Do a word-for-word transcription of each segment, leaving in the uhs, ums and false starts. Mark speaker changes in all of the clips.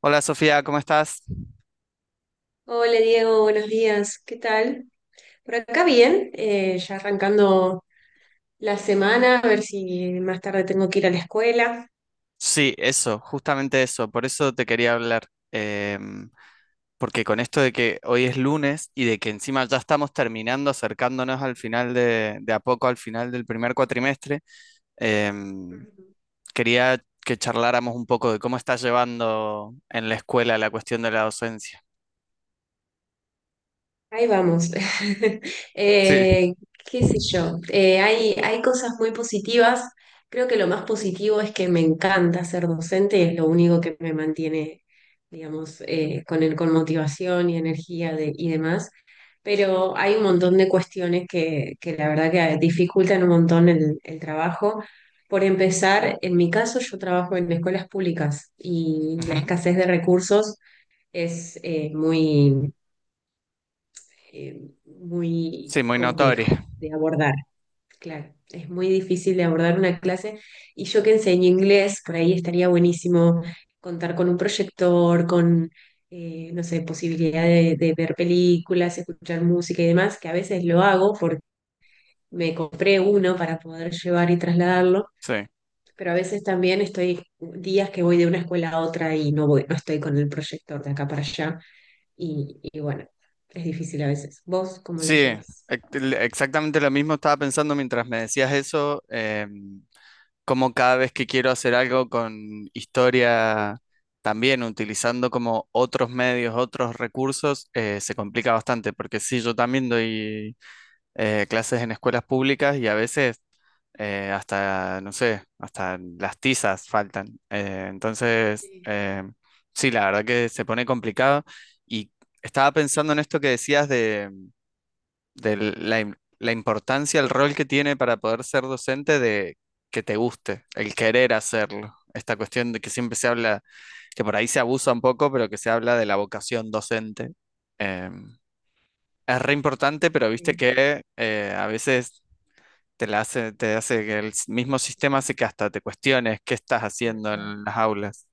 Speaker 1: Hola Sofía, ¿cómo estás?
Speaker 2: Hola Diego, buenos días. ¿Qué tal? Por acá bien, eh, ya arrancando la semana, a ver si más tarde tengo que ir a la escuela.
Speaker 1: Sí, eso, justamente eso, por eso te quería hablar, em, porque con esto de que hoy es lunes y de que encima ya estamos terminando, acercándonos al final de, de a poco al final del primer cuatrimestre, em,
Speaker 2: Ujú.
Speaker 1: quería que charláramos un poco de cómo estás llevando en la escuela la cuestión de la docencia.
Speaker 2: Ahí vamos.
Speaker 1: Sí,
Speaker 2: Eh, qué sé yo. Eh, hay, hay cosas muy positivas. Creo que lo más positivo es que me encanta ser docente, es lo único que me mantiene, digamos, eh, con, el- con motivación y energía de- y demás. Pero hay un montón de cuestiones que, que la verdad que dificultan un montón el, el trabajo. Por empezar, en mi caso yo trabajo en escuelas públicas y la
Speaker 1: ujú.
Speaker 2: escasez de recursos es eh, muy eh, muy
Speaker 1: Sí, muy notoria,
Speaker 2: complejo de abordar. Claro, es muy difícil de abordar una clase y yo que enseño inglés, por ahí estaría buenísimo contar con un proyector, con, eh, no sé, posibilidad de, de, ver películas, escuchar música y demás, que a veces lo hago porque me compré uno para poder llevar y trasladarlo,
Speaker 1: sí.
Speaker 2: pero a veces también estoy días que voy de una escuela a otra y no, voy, no estoy con el proyector de acá para allá y, y bueno, es difícil a veces. ¿Vos cómo la
Speaker 1: Sí,
Speaker 2: llevas?
Speaker 1: ex- exactamente lo mismo estaba pensando mientras me decías eso. Em, como cada vez que quiero hacer algo con historia, también utilizando como otros medios, otros recursos, eh, se complica bastante, porque sí, yo también doy eh, clases en escuelas públicas y a veces eh, hasta, no sé, hasta las tizas faltan. Eh, entonces, eh, sí, la verdad que se pone complicado y estaba pensando en esto que decías de de la, im- la importancia, el rol que tiene para poder ser docente de que te guste, el querer hacerlo. Esta cuestión de que siempre se habla, que por ahí se abusa un poco, pero que se habla de la vocación docente. Eh, es re importante, pero viste que eh, a veces te la hace, te hace que el s- mismo sistema hace que hasta te cuestiones qué estás haciendo en las aulas.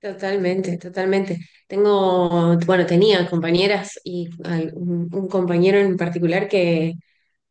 Speaker 2: Totalmente, totalmente. Tengo, bueno, tenía compañeras y al- un, un compañero en particular que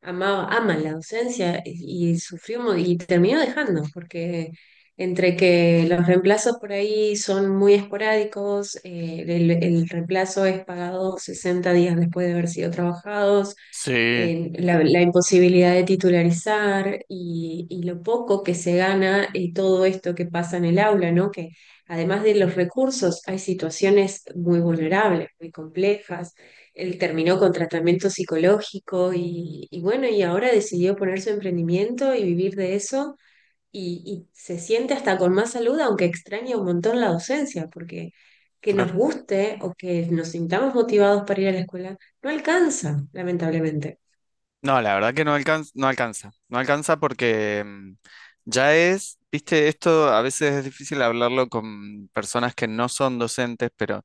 Speaker 2: amaba, ama la docencia y, y sufrió mu- y terminó dejando, porque entre que los reemplazos por ahí son muy esporádicos, eh, el, el reemplazo es pagado sesenta días después de haber sido trabajados,
Speaker 1: Sí,
Speaker 2: eh, la, la imposibilidad de titularizar y, y lo poco que se gana y todo esto que pasa en el aula, ¿no? Que además de los recursos, hay situaciones muy vulnerables, muy complejas. Él terminó con tratamiento psicológico y, y bueno, y ahora decidió poner su emprendimiento y vivir de eso y, y se siente hasta con más salud, aunque extraña un montón la docencia, porque que nos
Speaker 1: claro.
Speaker 2: guste o que nos sintamos motivados para ir a la escuela no alcanza, lamentablemente.
Speaker 1: No, la verdad que no alcanza, no alcanza, no alcanza porque mm, ya es, viste, esto a veces es difícil hablarlo con personas que no son docentes, pero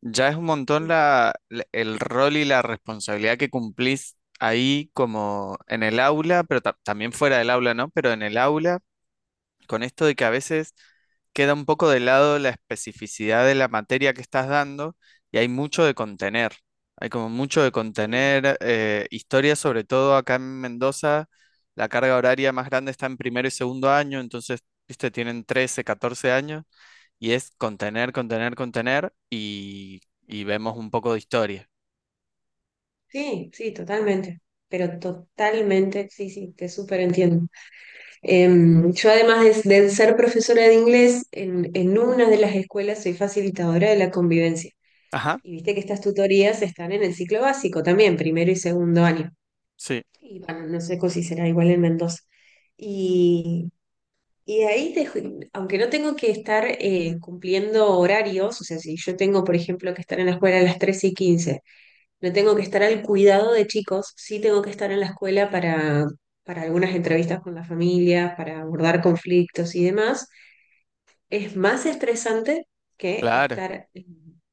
Speaker 1: ya es un montón
Speaker 2: Ujú.
Speaker 1: la, la- el rol y la responsabilidad que cumplís ahí como en el aula, pero ta- también fuera del aula, ¿no? Pero en el aula con esto de que a veces queda un poco de lado la especificidad de la materia que estás dando y hay mucho de contener. Hay como mucho de
Speaker 2: Sí.
Speaker 1: contener eh, historias, sobre todo acá en Mendoza, la carga horaria más grande está en primero y segundo año, entonces, viste, tienen trece, catorce años y es contener, contener, contener y, y vemos un poco de historia.
Speaker 2: Sí, sí, totalmente. Pero totalmente, sí, sí, te súper entiendo. Em, yo además de, de ser profesora de inglés, en, en una de las escuelas soy facilitadora de la convivencia.
Speaker 1: Ajá,
Speaker 2: Y viste que estas tutorías están en el ciclo básico también, primero y segundo año.
Speaker 1: sí,
Speaker 2: Y bueno, no sé si será igual en Mendoza. Y, y ahí, te- aunque no tengo que estar eh, cumpliendo horarios, o sea, si yo tengo, por ejemplo, que estar en la escuela a las trece y quince no tengo que estar al cuidado de chicos, sí tengo que estar en la escuela para, para algunas entrevistas con las familias para abordar conflictos y demás es más estresante que
Speaker 1: claro,
Speaker 2: estar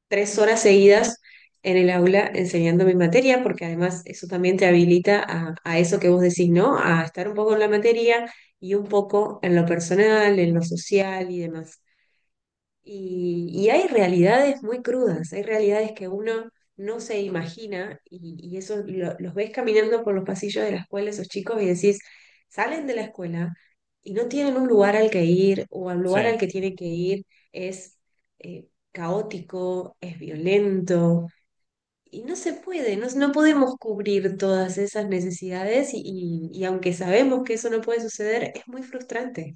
Speaker 2: tres horas seguidas en el aula enseñando mi materia, porque además eso también te habilita a, a eso que vos decís, ¿no? A estar un poco en la materia y un poco en lo personal, en lo social y demás. Y, y hay realidades muy crudas, hay realidades que uno no se imagina y, y eso lo- los ves caminando por los pasillos de la escuela, esos chicos, y decís, salen de la escuela y no tienen un lugar al que ir o al lugar
Speaker 1: sí.
Speaker 2: al que tienen que ir es eh, caótico, es violento y no se puede, no, no podemos cubrir todas esas necesidades y, y y aunque sabemos que eso no puede suceder, es muy frustrante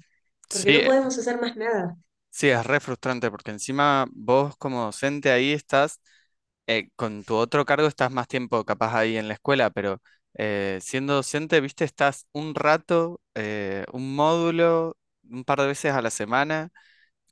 Speaker 2: porque no
Speaker 1: Sí,
Speaker 2: podemos hacer más nada.
Speaker 1: sí, es re frustrante porque encima vos como docente ahí estás, eh, con tu otro cargo estás más tiempo capaz ahí en la escuela, pero eh, siendo docente, viste, estás un rato, eh, un módulo, un par de veces a la semana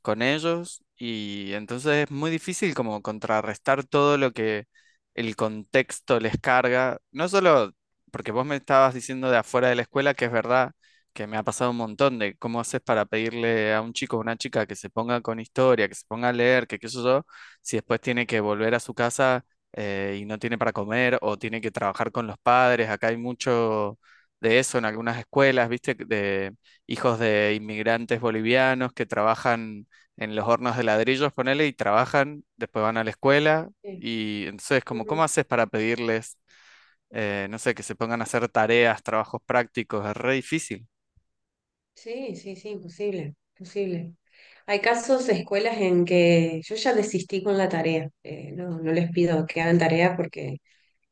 Speaker 1: con ellos y entonces es muy difícil como contrarrestar todo lo que el contexto les carga, no solo porque vos me estabas diciendo de afuera de la escuela, que es verdad que me ha pasado un montón de cómo haces para pedirle a un chico o una chica que se ponga con historia, que se ponga a leer, que qué sé yo, si después tiene que volver a su casa eh, y no tiene para comer o tiene que trabajar con los padres, acá hay mucho de eso en algunas escuelas, viste, de hijos de inmigrantes bolivianos que trabajan en los hornos de ladrillos, ponele, y trabajan, después van a la escuela,
Speaker 2: Sí.
Speaker 1: y entonces como, ¿cómo haces para pedirles, eh, no sé, que se pongan a hacer tareas, trabajos prácticos? Es re difícil.
Speaker 2: Sí, sí, sí, posible, posible. Hay casos de escuelas en que yo ya desistí con la tarea. eh, no, no les pido que hagan tarea porque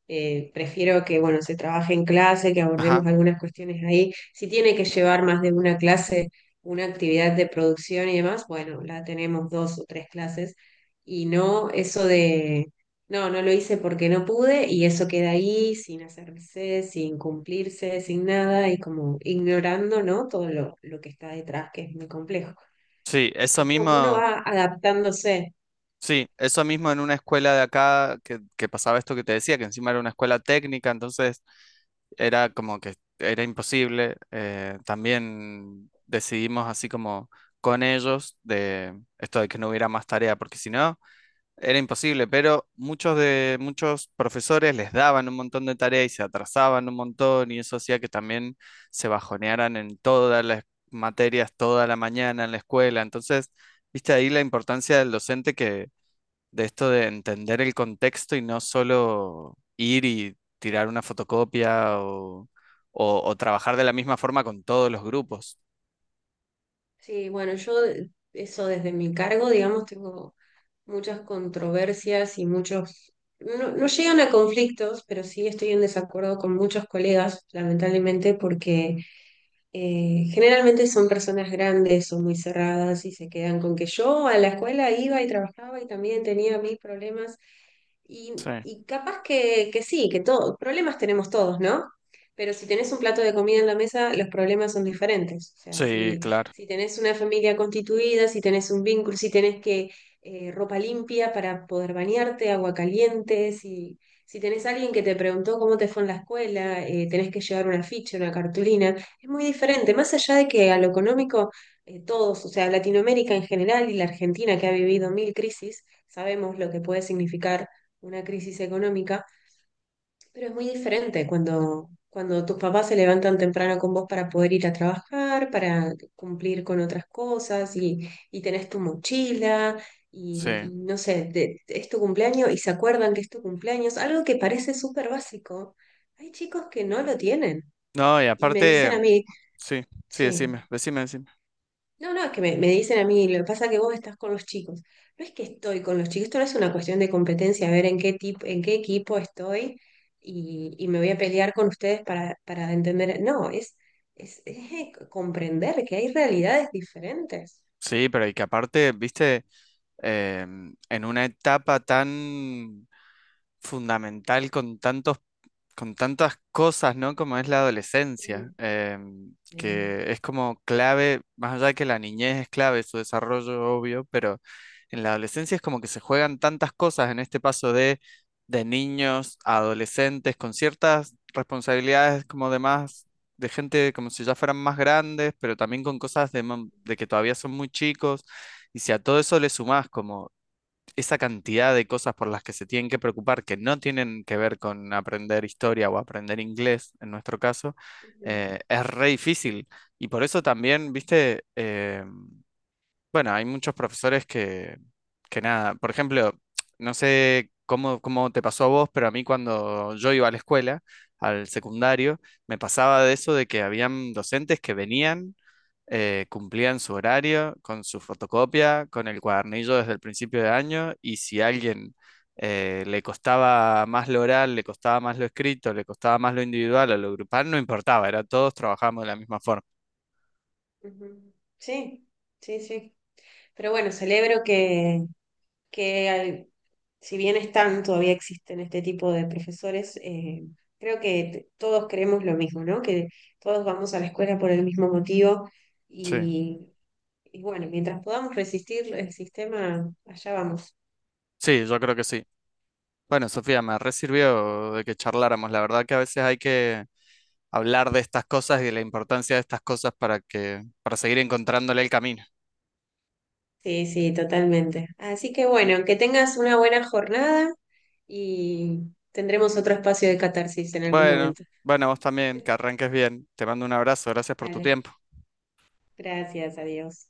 Speaker 2: eh, prefiero que, bueno, se trabaje en clase, que abordemos
Speaker 1: Ajá.
Speaker 2: algunas cuestiones ahí. Si tiene que llevar más de una clase, una actividad de producción y demás, bueno, la tenemos dos o tres clases y no eso de, no, no lo hice porque no pude y eso queda ahí sin hacerse, sin cumplirse, sin nada y como ignorando, ¿no? Todo lo, lo que está detrás, que es muy complejo.
Speaker 1: Sí, eso
Speaker 2: Es como que uno
Speaker 1: mismo,
Speaker 2: va adaptándose.
Speaker 1: sí, eso mismo en una escuela de acá que, que pasaba esto que te decía, que encima era una escuela técnica, entonces era como que era imposible. Eh, también decidimos así como con ellos de esto de que no hubiera más tarea, porque si no... Era imposible, pero muchos de muchos profesores les daban un montón de tareas y se atrasaban un montón y eso hacía que también se bajonearan en todas las materias toda la mañana en la escuela. Entonces, viste ahí la importancia del docente que de esto de entender el contexto y no solo ir y tirar una fotocopia o, o- o trabajar de la misma forma con todos los grupos.
Speaker 2: Sí, bueno, yo eso desde mi cargo, digamos, tengo muchas controversias y muchos, no, no llegan a conflictos, pero sí estoy en desacuerdo con muchos colegas, lamentablemente, porque eh, generalmente son personas grandes, son muy cerradas y se quedan con que yo a la escuela iba y trabajaba y también tenía mis problemas. Y,
Speaker 1: Sí,
Speaker 2: y capaz que, que sí, que todos, problemas tenemos todos, ¿no? Pero si tenés un plato de comida en la mesa, los problemas son diferentes. O sea,
Speaker 1: sí,
Speaker 2: si,
Speaker 1: claro,
Speaker 2: si tenés una familia constituida, si tenés un vínculo, si tenés que eh, ropa limpia para poder bañarte, agua caliente, si, si tenés alguien que te preguntó cómo te fue en la escuela, eh, tenés que llevar una ficha, una cartulina. Es muy diferente, más allá de que a lo económico, eh, todos, o sea, Latinoamérica en general y la Argentina que ha vivido mil crisis, sabemos lo que puede significar una crisis económica, pero es muy diferente cuando, cuando tus papás se levantan temprano con vos para poder ir a trabajar, para cumplir con otras cosas y, y tenés tu mochila. Y,
Speaker 1: sí.
Speaker 2: y no sé, te- es tu cumpleaños y se acuerdan que es tu cumpleaños, algo que parece súper básico. Hay chicos que no lo tienen
Speaker 1: No, y
Speaker 2: y me dicen
Speaker 1: aparte,
Speaker 2: a mí,
Speaker 1: sí, sí,
Speaker 2: sí.
Speaker 1: decime, decime, decime.
Speaker 2: No, no, es que me, me dicen a mí, lo que pasa es que vos estás con los chicos. No es que estoy con los chicos, esto no es una cuestión de competencia, a ver en qué tipo, en qué equipo estoy y, y me voy a pelear con ustedes para, para entender. No, es, es, es, eh, comprender que hay realidades diferentes.
Speaker 1: Sí, pero y que aparte, viste, em, en una etapa tan fundamental con tantos con tantas cosas, ¿no? Como es la adolescencia,
Speaker 2: Mm,
Speaker 1: em,
Speaker 2: sí,
Speaker 1: que es como clave, más allá de que la niñez es clave, su desarrollo obvio, pero en la adolescencia es como que se juegan tantas cosas en este paso de, de niños a adolescentes con ciertas responsabilidades como de más, de gente como si ya fueran más grandes, pero también con cosas de, mam- de que todavía son muy chicos. Y si a todo eso le sumás como esa cantidad de cosas por las que se tienen que preocupar que no tienen que ver con aprender historia o aprender inglés, en nuestro caso,
Speaker 2: ujú,
Speaker 1: eh, es re difícil. Y por eso también, viste, eh, bueno, hay muchos profesores que, que nada, por ejemplo, no sé cómo, cómo te pasó a vos, pero a mí cuando yo iba a la escuela, al secundario, me pasaba de eso de que habían docentes que venían eh, cumplían su horario, con su fotocopia, con el cuadernillo desde el principio de año, y si a alguien eh, le costaba más lo oral, le costaba más lo escrito, le costaba más lo individual o lo grupal, no importaba, era todos trabajamos de la misma forma.
Speaker 2: ujú. Sí, sí. Sí. Pero bueno, celebro que, que al- si bien están, todavía existen este tipo de profesores, eh, creo que t- todos creemos lo mismo, ¿no? Que todos vamos a la escuela por el mismo motivo
Speaker 1: Sí,
Speaker 2: y, y bueno, mientras podamos resistir el sistema, allá vamos.
Speaker 1: sí, yo creo que sí. Bueno, Sofía, me resirvió de que charláramos. La verdad que a veces hay que hablar de estas cosas y de la importancia de estas cosas para que, para seguir encontrándole el camino.
Speaker 2: Sí, sí, totalmente. Así que bueno, que tengas una buena jornada y tendremos otro espacio de catarsis en algún
Speaker 1: Bueno,
Speaker 2: momento.
Speaker 1: bueno, vos también, que arranques bien. Te mando un abrazo, gracias por tu
Speaker 2: Dale,
Speaker 1: tiempo.
Speaker 2: gracias, adiós.